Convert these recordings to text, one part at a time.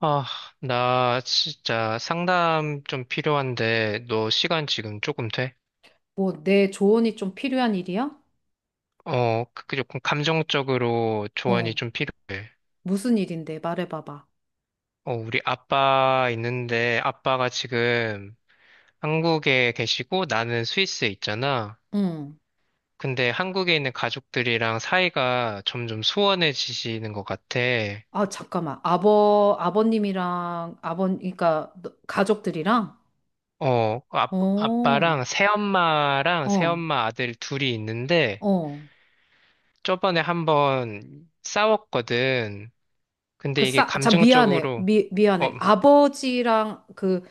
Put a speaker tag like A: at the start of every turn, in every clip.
A: 아, 나 진짜 상담 좀 필요한데, 너 시간 지금 조금 돼?
B: 뭐, 내 조언이 좀 필요한 일이야?
A: 어, 그 조금 감정적으로 조언이
B: 어,
A: 좀 필요해.
B: 무슨 일인데? 말해봐봐.
A: 어, 우리 아빠 있는데, 아빠가 지금 한국에 계시고, 나는 스위스에 있잖아.
B: 응.
A: 근데 한국에 있는 가족들이랑 사이가 점점 소원해지시는 것 같아.
B: 아, 잠깐만. 그러니까, 너- 가족들이랑?
A: 어, 아,
B: 어,
A: 아빠랑 새엄마랑
B: 어,
A: 새엄마 아들 둘이 있는데,
B: 어.
A: 저번에 한번 싸웠거든.
B: 그
A: 근데 이게
B: 싸, 참, 미안해.
A: 감정적으로, 어,
B: 미안해. 아버지랑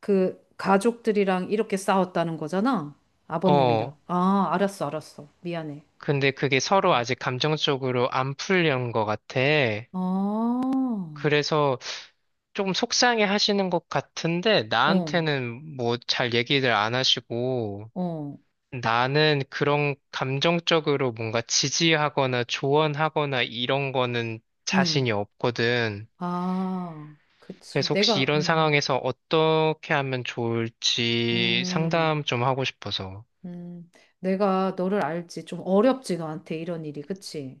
B: 그 가족들이랑 이렇게 싸웠다는 거잖아? 아버님이랑.
A: 어,
B: 아, 알았어, 알았어. 미안해.
A: 근데 그게 서로
B: 응.
A: 아직 감정적으로 안 풀린 것 같아.
B: 아, 어,
A: 그래서 조금 속상해 하시는 것 같은데, 나한테는 뭐 잘 얘기를 안 하시고,
B: 어,
A: 나는 그런 감정적으로 뭔가 지지하거나 조언하거나 이런 거는
B: 응.
A: 자신이 없거든.
B: 아, 그치.
A: 그래서 혹시
B: 내가,
A: 이런 상황에서 어떻게 하면 좋을지
B: 음,
A: 상담 좀 하고 싶어서.
B: 음, 내가 너를 알지. 좀 어렵지, 너한테 이런 일이. 그치?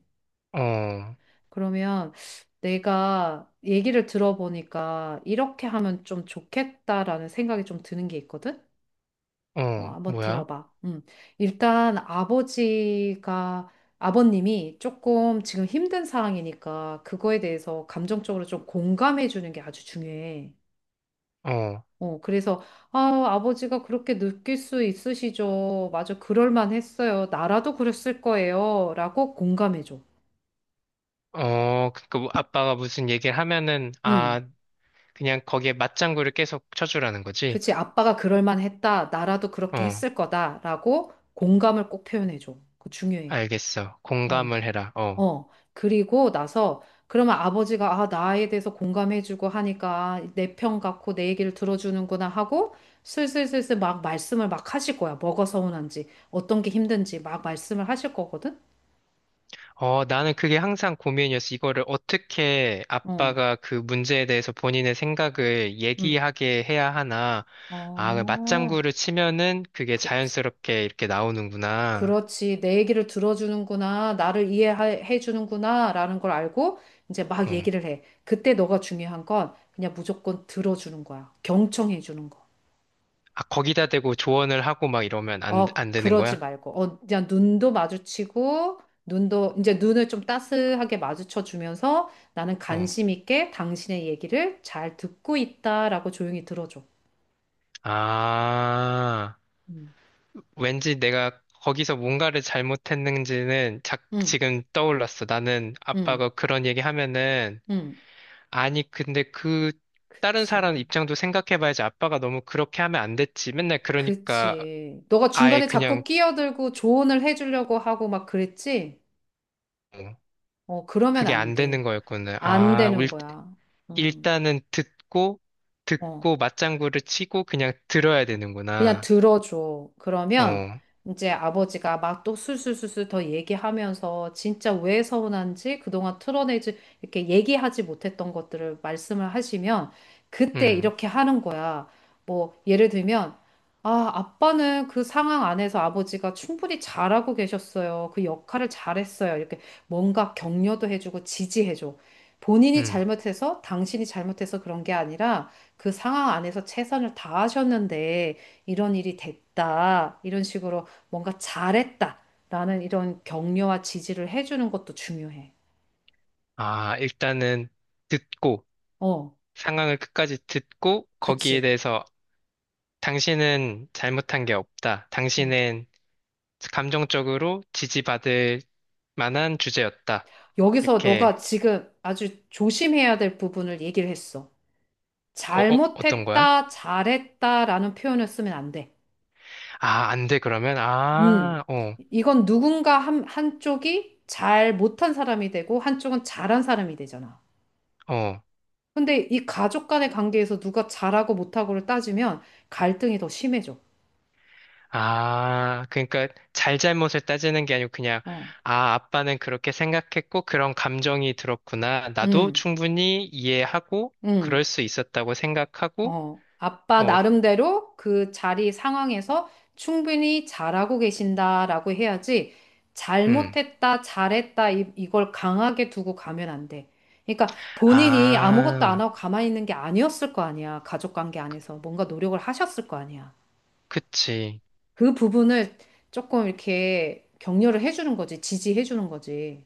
A: 어,
B: 그러면 내가 얘기를 들어보니까 이렇게 하면 좀 좋겠다라는 생각이 좀 드는 게 있거든? 어, 한번
A: 뭐야?
B: 들어봐. 일단 아버지가, 아버님이 조금 지금 힘든 상황이니까 그거에 대해서 감정적으로 좀 공감해 주는 게 아주 중요해.
A: 어.
B: 어, 그래서, 아, 아버지가 그렇게 느낄 수 있으시죠. 맞아, 그럴만 했어요. 나라도 그랬을 거예요. 라고 공감해줘.
A: 어, 그니까 뭐 아빠가 무슨 얘기를 하면은,
B: 음,
A: 아, 그냥 거기에 맞장구를 계속 쳐주라는 거지?
B: 그치, 아빠가 그럴만 했다. 나라도 그렇게
A: 어,
B: 했을 거다. 라고 공감을 꼭 표현해줘. 그거 중요해.
A: 알겠어.
B: 어,
A: 공감을 해라. 어.
B: 어. 그리고 나서, 그러면 아버지가, 아, 나에 대해서 공감해주고 하니까 내 편 같고 내 얘기를 들어주는구나 하고 슬슬슬슬 막 말씀을 막 하실 거야. 뭐가 서운한지, 어떤 게 힘든지 막 말씀을 하실 거거든?
A: 어, 나는 그게 항상 고민이었어. 이거를 어떻게
B: 어.
A: 아빠가 그 문제에 대해서 본인의 생각을
B: 음.
A: 얘기하게 해야 하나. 아, 그
B: 어,
A: 맞장구를 치면은 그게
B: 그치.
A: 자연스럽게 이렇게 나오는구나.
B: 그렇지. 내 얘기를 들어주는구나. 나를 이해해 주는구나. 라는 걸 알고 이제 막
A: 어.
B: 얘기를 해. 그때 너가 중요한 건 그냥 무조건 들어주는 거야. 경청해 주는 거.
A: 아, 거기다 대고 조언을 하고 막 이러면
B: 어,
A: 안 되는
B: 그러지
A: 거야?
B: 말고. 어, 그냥 눈도 마주치고, 눈도, 이제 눈을 좀 따스하게 마주쳐 주면서 나는
A: 어.
B: 관심 있게 당신의 얘기를 잘 듣고 있다라고 조용히 들어줘.
A: 아.
B: 음.
A: 왠지 내가 거기서 뭔가를 잘못했는지는
B: 응,
A: 지금 떠올랐어. 나는
B: 응,
A: 아빠가 그런 얘기 하면은,
B: 응.
A: 아니, 근데 그, 다른 사람
B: 그치.
A: 입장도 생각해봐야지 아빠가 너무 그렇게 하면 안 됐지. 맨날 그러니까
B: 그치. 너가
A: 아예
B: 중간에 자꾸
A: 그냥
B: 끼어들고 조언을 해주려고 하고 막 그랬지? 어, 그러면
A: 그게
B: 안
A: 안 되는
B: 돼.
A: 거였구나.
B: 안
A: 아,
B: 되는 거야. 음,
A: 일단은 듣고,
B: 어.
A: 듣고 맞장구를 치고 그냥 들어야
B: 그냥
A: 되는구나.
B: 들어줘. 그러면
A: 어,
B: 이제 아버지가 막 또 술술술술 더 얘기하면서 진짜 왜 서운한지 그동안 틀어내지 이렇게 얘기하지 못했던 것들을 말씀을 하시면 그때
A: 음,
B: 이렇게 하는 거야. 뭐 예를 들면 아, 아빠는 그 상황 안에서 아버지가 충분히 잘하고 계셨어요. 그 역할을 잘했어요. 이렇게 뭔가 격려도 해주고 지지해줘. 본인이
A: 음.
B: 잘못해서 당신이 잘못해서 그런 게 아니라 그 상황 안에서 최선을 다하셨는데 이런 일이 됐다. 이런 식으로 뭔가 잘했다. 라는 이런 격려와 지지를 해주는 것도 중요해.
A: 아, 일단은 듣고.
B: 어,
A: 상황을 끝까지 듣고 거기에
B: 그치.
A: 대해서 당신은 잘못한 게 없다.
B: 음.
A: 당신은 감정적으로 지지받을 만한 주제였다.
B: 여기서 너가
A: 이렇게,
B: 지금 아주 조심해야 될 부분을 얘기를 했어.
A: 어떤 거야?
B: 잘못했다, 잘했다라는 표현을 쓰면 안 돼.
A: 아, 안 돼, 그러면?
B: 음.
A: 아, 어,
B: 이건 누군가 한쪽이 잘 못한 사람이 되고 한쪽은 잘한 사람이 되잖아.
A: 어.
B: 근데 이 가족 간의 관계에서 누가 잘하고 못하고를 따지면 갈등이 더 심해져.
A: 아, 그러니까 잘잘못을 따지는 게 아니고 그냥,
B: 어.
A: 아, 아빠는 그렇게 생각했고 그런 감정이 들었구나. 나도
B: 음.
A: 충분히 이해하고
B: 응,
A: 그럴 수 있었다고 생각하고,
B: 어, 아빠
A: 어,
B: 나름대로 그 자리 상황에서 충분히 잘하고 계신다라고 해야지
A: 음.
B: 잘못했다, 잘했다 이걸 강하게 두고 가면 안 돼. 그러니까 본인이 아무것도 안
A: 아,
B: 하고 가만히 있는 게 아니었을 거 아니야. 가족 관계 안에서 뭔가 노력을 하셨을 거 아니야.
A: 그치.
B: 그 부분을 조금 이렇게 격려를 해주는 거지, 지지해주는 거지.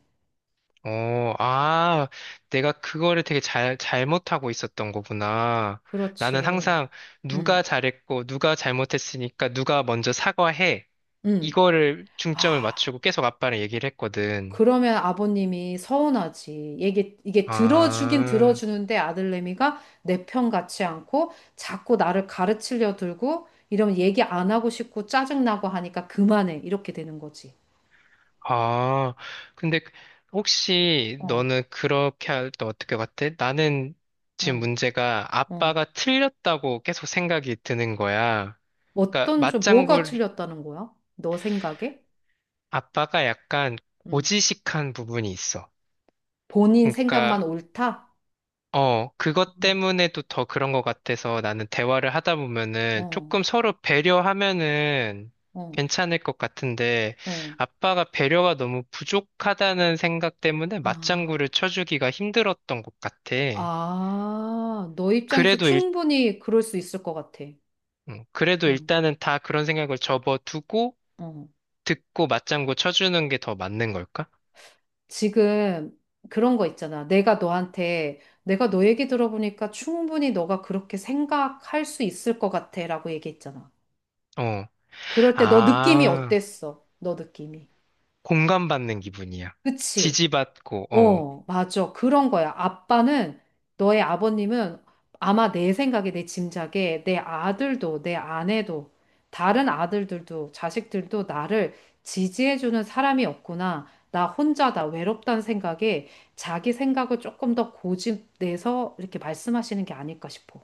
A: 어, 아, 내가 그거를 되게 잘못하고 있었던 거구나. 나는
B: 그렇지.
A: 항상 누가
B: 응,
A: 잘했고, 누가 잘못했으니까 누가 먼저 사과해.
B: 응.
A: 이거를 중점을
B: 아.
A: 맞추고 계속 아빠랑 얘기를 했거든.
B: 그러면 아버님이 서운하지. 이게 들어주긴
A: 아,
B: 들어주는데 아들내미가 내 편 같지 않고 자꾸 나를 가르치려 들고 이러면 얘기 안 하고 싶고 짜증나고 하니까 그만해. 이렇게 되는 거지.
A: 아. 근데 혹시
B: 어,
A: 너는 그렇게 할 때 어떻게 같아? 나는 지금
B: 어,
A: 문제가
B: 어.
A: 아빠가 틀렸다고 계속 생각이 드는 거야. 그러니까
B: 어떤 좀 뭐가
A: 맞장구
B: 틀렸다는 거야? 너 생각에?
A: 아빠가 약간
B: 응.
A: 고지식한 부분이 있어.
B: 본인 생각만
A: 그러니까
B: 옳다?
A: 어 그것
B: 음.
A: 때문에도 더 그런 것 같아서 나는 대화를 하다 보면은
B: 어,
A: 조금 서로 배려하면은
B: 어,
A: 괜찮을 것 같은데
B: 어.
A: 아빠가 배려가 너무 부족하다는 생각 때문에
B: 아,
A: 맞장구를 쳐주기가 힘들었던 것 같아.
B: 아, 너 입장에서
A: 그래도 일
B: 충분히 그럴 수 있을 것 같아.
A: 그래도
B: 응,
A: 일단은 다 그런 생각을 접어두고
B: 어.
A: 듣고 맞장구 쳐주는 게 더 맞는 걸까?
B: 지금 그런 거 있잖아. 내가 너한테, 내가 너 얘기 들어보니까 충분히 너가 그렇게 생각할 수 있을 것 같아 라고 얘기했잖아.
A: 어.
B: 그럴 때 너 느낌이
A: 아,
B: 어땠어? 너 느낌이.
A: 공감받는 기분이야.
B: 그치?
A: 지지받고, 어.
B: 어, 맞아. 그런 거야. 아빠는, 너의 아버님은 아마 내 생각에, 내 짐작에, 내 아들도, 내 아내도, 다른 아들들도, 자식들도 나를 지지해주는 사람이 없구나. 나 혼자다, 외롭다는 생각에 자기 생각을 조금 더 고집내서 이렇게 말씀하시는 게 아닐까 싶어.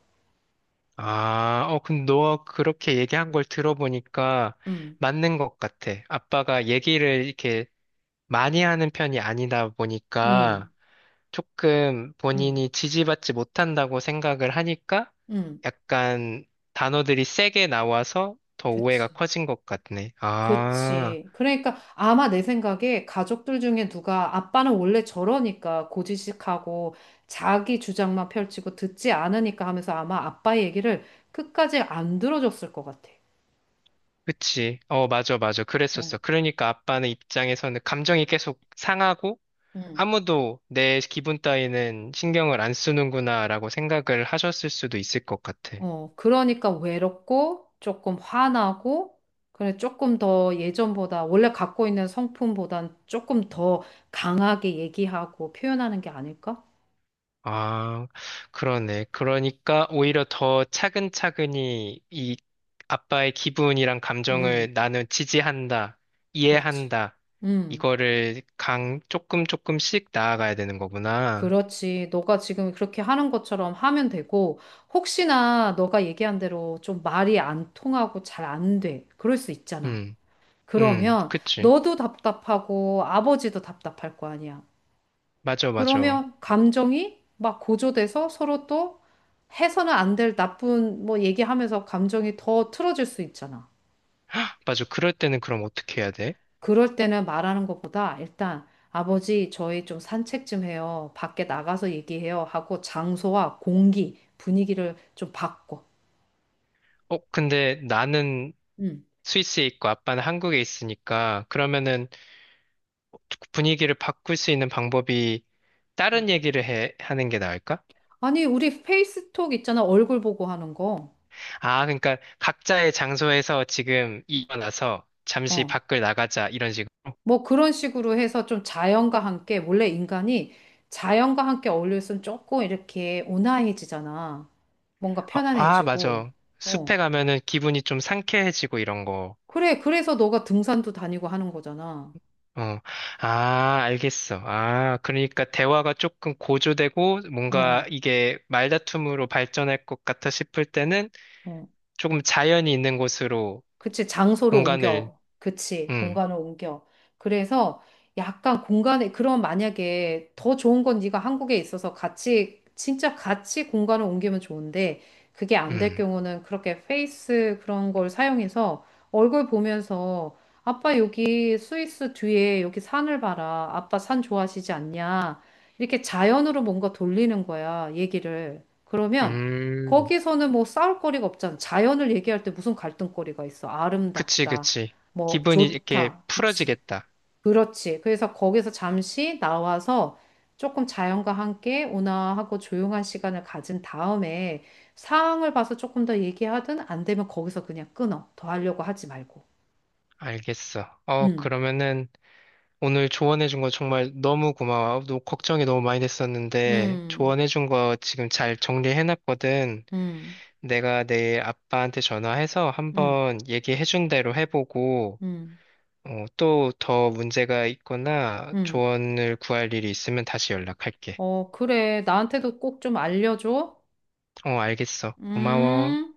A: 아, 어, 근데 너 그렇게 얘기한 걸 들어보니까
B: 음,
A: 맞는 것 같아. 아빠가 얘기를 이렇게 많이 하는 편이 아니다 보니까
B: 음,
A: 조금
B: 음,
A: 본인이 지지받지 못한다고 생각을 하니까
B: 음,
A: 약간 단어들이 세게 나와서 더 오해가
B: 그치.
A: 커진 것 같네. 아,
B: 그치. 그러니까 아마 내 생각에 가족들 중에 누가 아빠는 원래 저러니까 고지식하고 자기 주장만 펼치고 듣지 않으니까 하면서 아마 아빠 얘기를 끝까지 안 들어줬을 것 같아.
A: 그치. 어, 맞아, 맞아.
B: 어.
A: 그랬었어. 그러니까 아빠는 입장에서는 감정이 계속 상하고
B: 응.
A: 아무도 내 기분 따위는 신경을 안 쓰는구나라고 생각을 하셨을 수도 있을 것 같아.
B: 어, 그러니까 외롭고 조금 화나고 그래 조금 더 예전보다 원래 갖고 있는 성품보단 조금 더 강하게 얘기하고 표현하는 게 아닐까?
A: 아, 그러네. 그러니까 오히려 더 차근차근히 이 아빠의 기분이랑
B: 음,
A: 감정을 나는 지지한다,
B: 그렇지.
A: 이해한다.
B: 음.
A: 이거를 조금 조금씩 나아가야 되는 거구나.
B: 그렇지. 너가 지금 그렇게 하는 것처럼 하면 되고, 혹시나 너가 얘기한 대로 좀 말이 안 통하고 잘 안 돼. 그럴 수 있잖아.
A: 음,
B: 그러면
A: 그치.
B: 너도 답답하고 아버지도 답답할 거 아니야.
A: 맞아, 맞아.
B: 그러면 감정이 막 고조돼서 서로 또 해서는 안 될 나쁜 뭐 얘기하면서 감정이 더 틀어질 수 있잖아.
A: 헉, 맞아. 그럴 때는 그럼 어떻게 해야 돼?
B: 그럴 때는 말하는 것보다 일단 아버지 저희 좀 산책 좀 해요. 밖에 나가서 얘기해요. 하고 장소와 공기, 분위기를 좀 바꿔.
A: 어, 근데 나는
B: 음.
A: 스위스에 있고 아빠는 한국에 있으니까 그러면은 분위기를 바꿀 수 있는 방법이
B: 음.
A: 다른 얘기를 하는 게 나을까?
B: 아니, 우리 페이스톡 있잖아. 얼굴 보고 하는 거.
A: 아, 그러니까 각자의 장소에서 지금 일어나서 잠시
B: 어.
A: 밖을 나가자 이런 식으로.
B: 뭐 그런 식으로 해서 좀 자연과 함께, 원래 인간이 자연과 함께 어울려있으면 조금 이렇게 온화해지잖아. 뭔가
A: 아, 아,
B: 편안해지고.
A: 맞아.
B: 어.
A: 숲에 가면은 기분이 좀 상쾌해지고 이런 거.
B: 그래, 그래서 너가 등산도 다니고 하는 거잖아.
A: 어, 아, 알겠어. 아, 그러니까 대화가 조금 고조되고 뭔가
B: 어.
A: 이게 말다툼으로 발전할 것 같아 싶을 때는
B: 어.
A: 조금 자연이 있는 곳으로
B: 그치, 장소를
A: 공간을,
B: 옮겨. 그치,
A: 음,
B: 공간을 옮겨. 그래서 약간 공간에, 그럼 만약에 더 좋은 건 네가 한국에 있어서 같이, 진짜 같이 공간을 옮기면 좋은데, 그게 안 될
A: 음,
B: 경우는 그렇게 페이스 그런 걸 사용해서 얼굴 보면서, 아빠 여기 스위스 뒤에 여기 산을 봐라. 아빠 산 좋아하시지 않냐. 이렇게 자연으로 뭔가 돌리는 거야, 얘기를. 그러면
A: 음.
B: 거기서는 뭐 싸울 거리가 없잖아. 자연을 얘기할 때 무슨 갈등거리가 있어?
A: 그치,
B: 아름답다,
A: 그치.
B: 뭐
A: 기분이 이렇게
B: 좋다, 그치.
A: 풀어지겠다.
B: 그렇지. 그래서 거기서 잠시 나와서 조금 자연과 함께 온화하고 조용한 시간을 가진 다음에 상황을 봐서 조금 더 얘기하든 안 되면 거기서 그냥 끊어. 더 하려고 하지 말고.
A: 알겠어. 어,
B: 음,
A: 그러면은 오늘 조언해준 거 정말 너무 고마워. 너 걱정이 너무 많이 됐었는데
B: 음,
A: 조언해준 거 지금 잘 정리해놨거든.
B: 음,
A: 내가 내일 아빠한테 전화해서
B: 음,
A: 한번 얘기해준 대로 해보고
B: 음,
A: 어, 또더 문제가 있거나
B: 음.
A: 조언을 구할 일이 있으면 다시 연락할게.
B: 어, 그래. 나한테도 꼭 좀 알려줘.
A: 어, 알겠어. 고마워.
B: 음.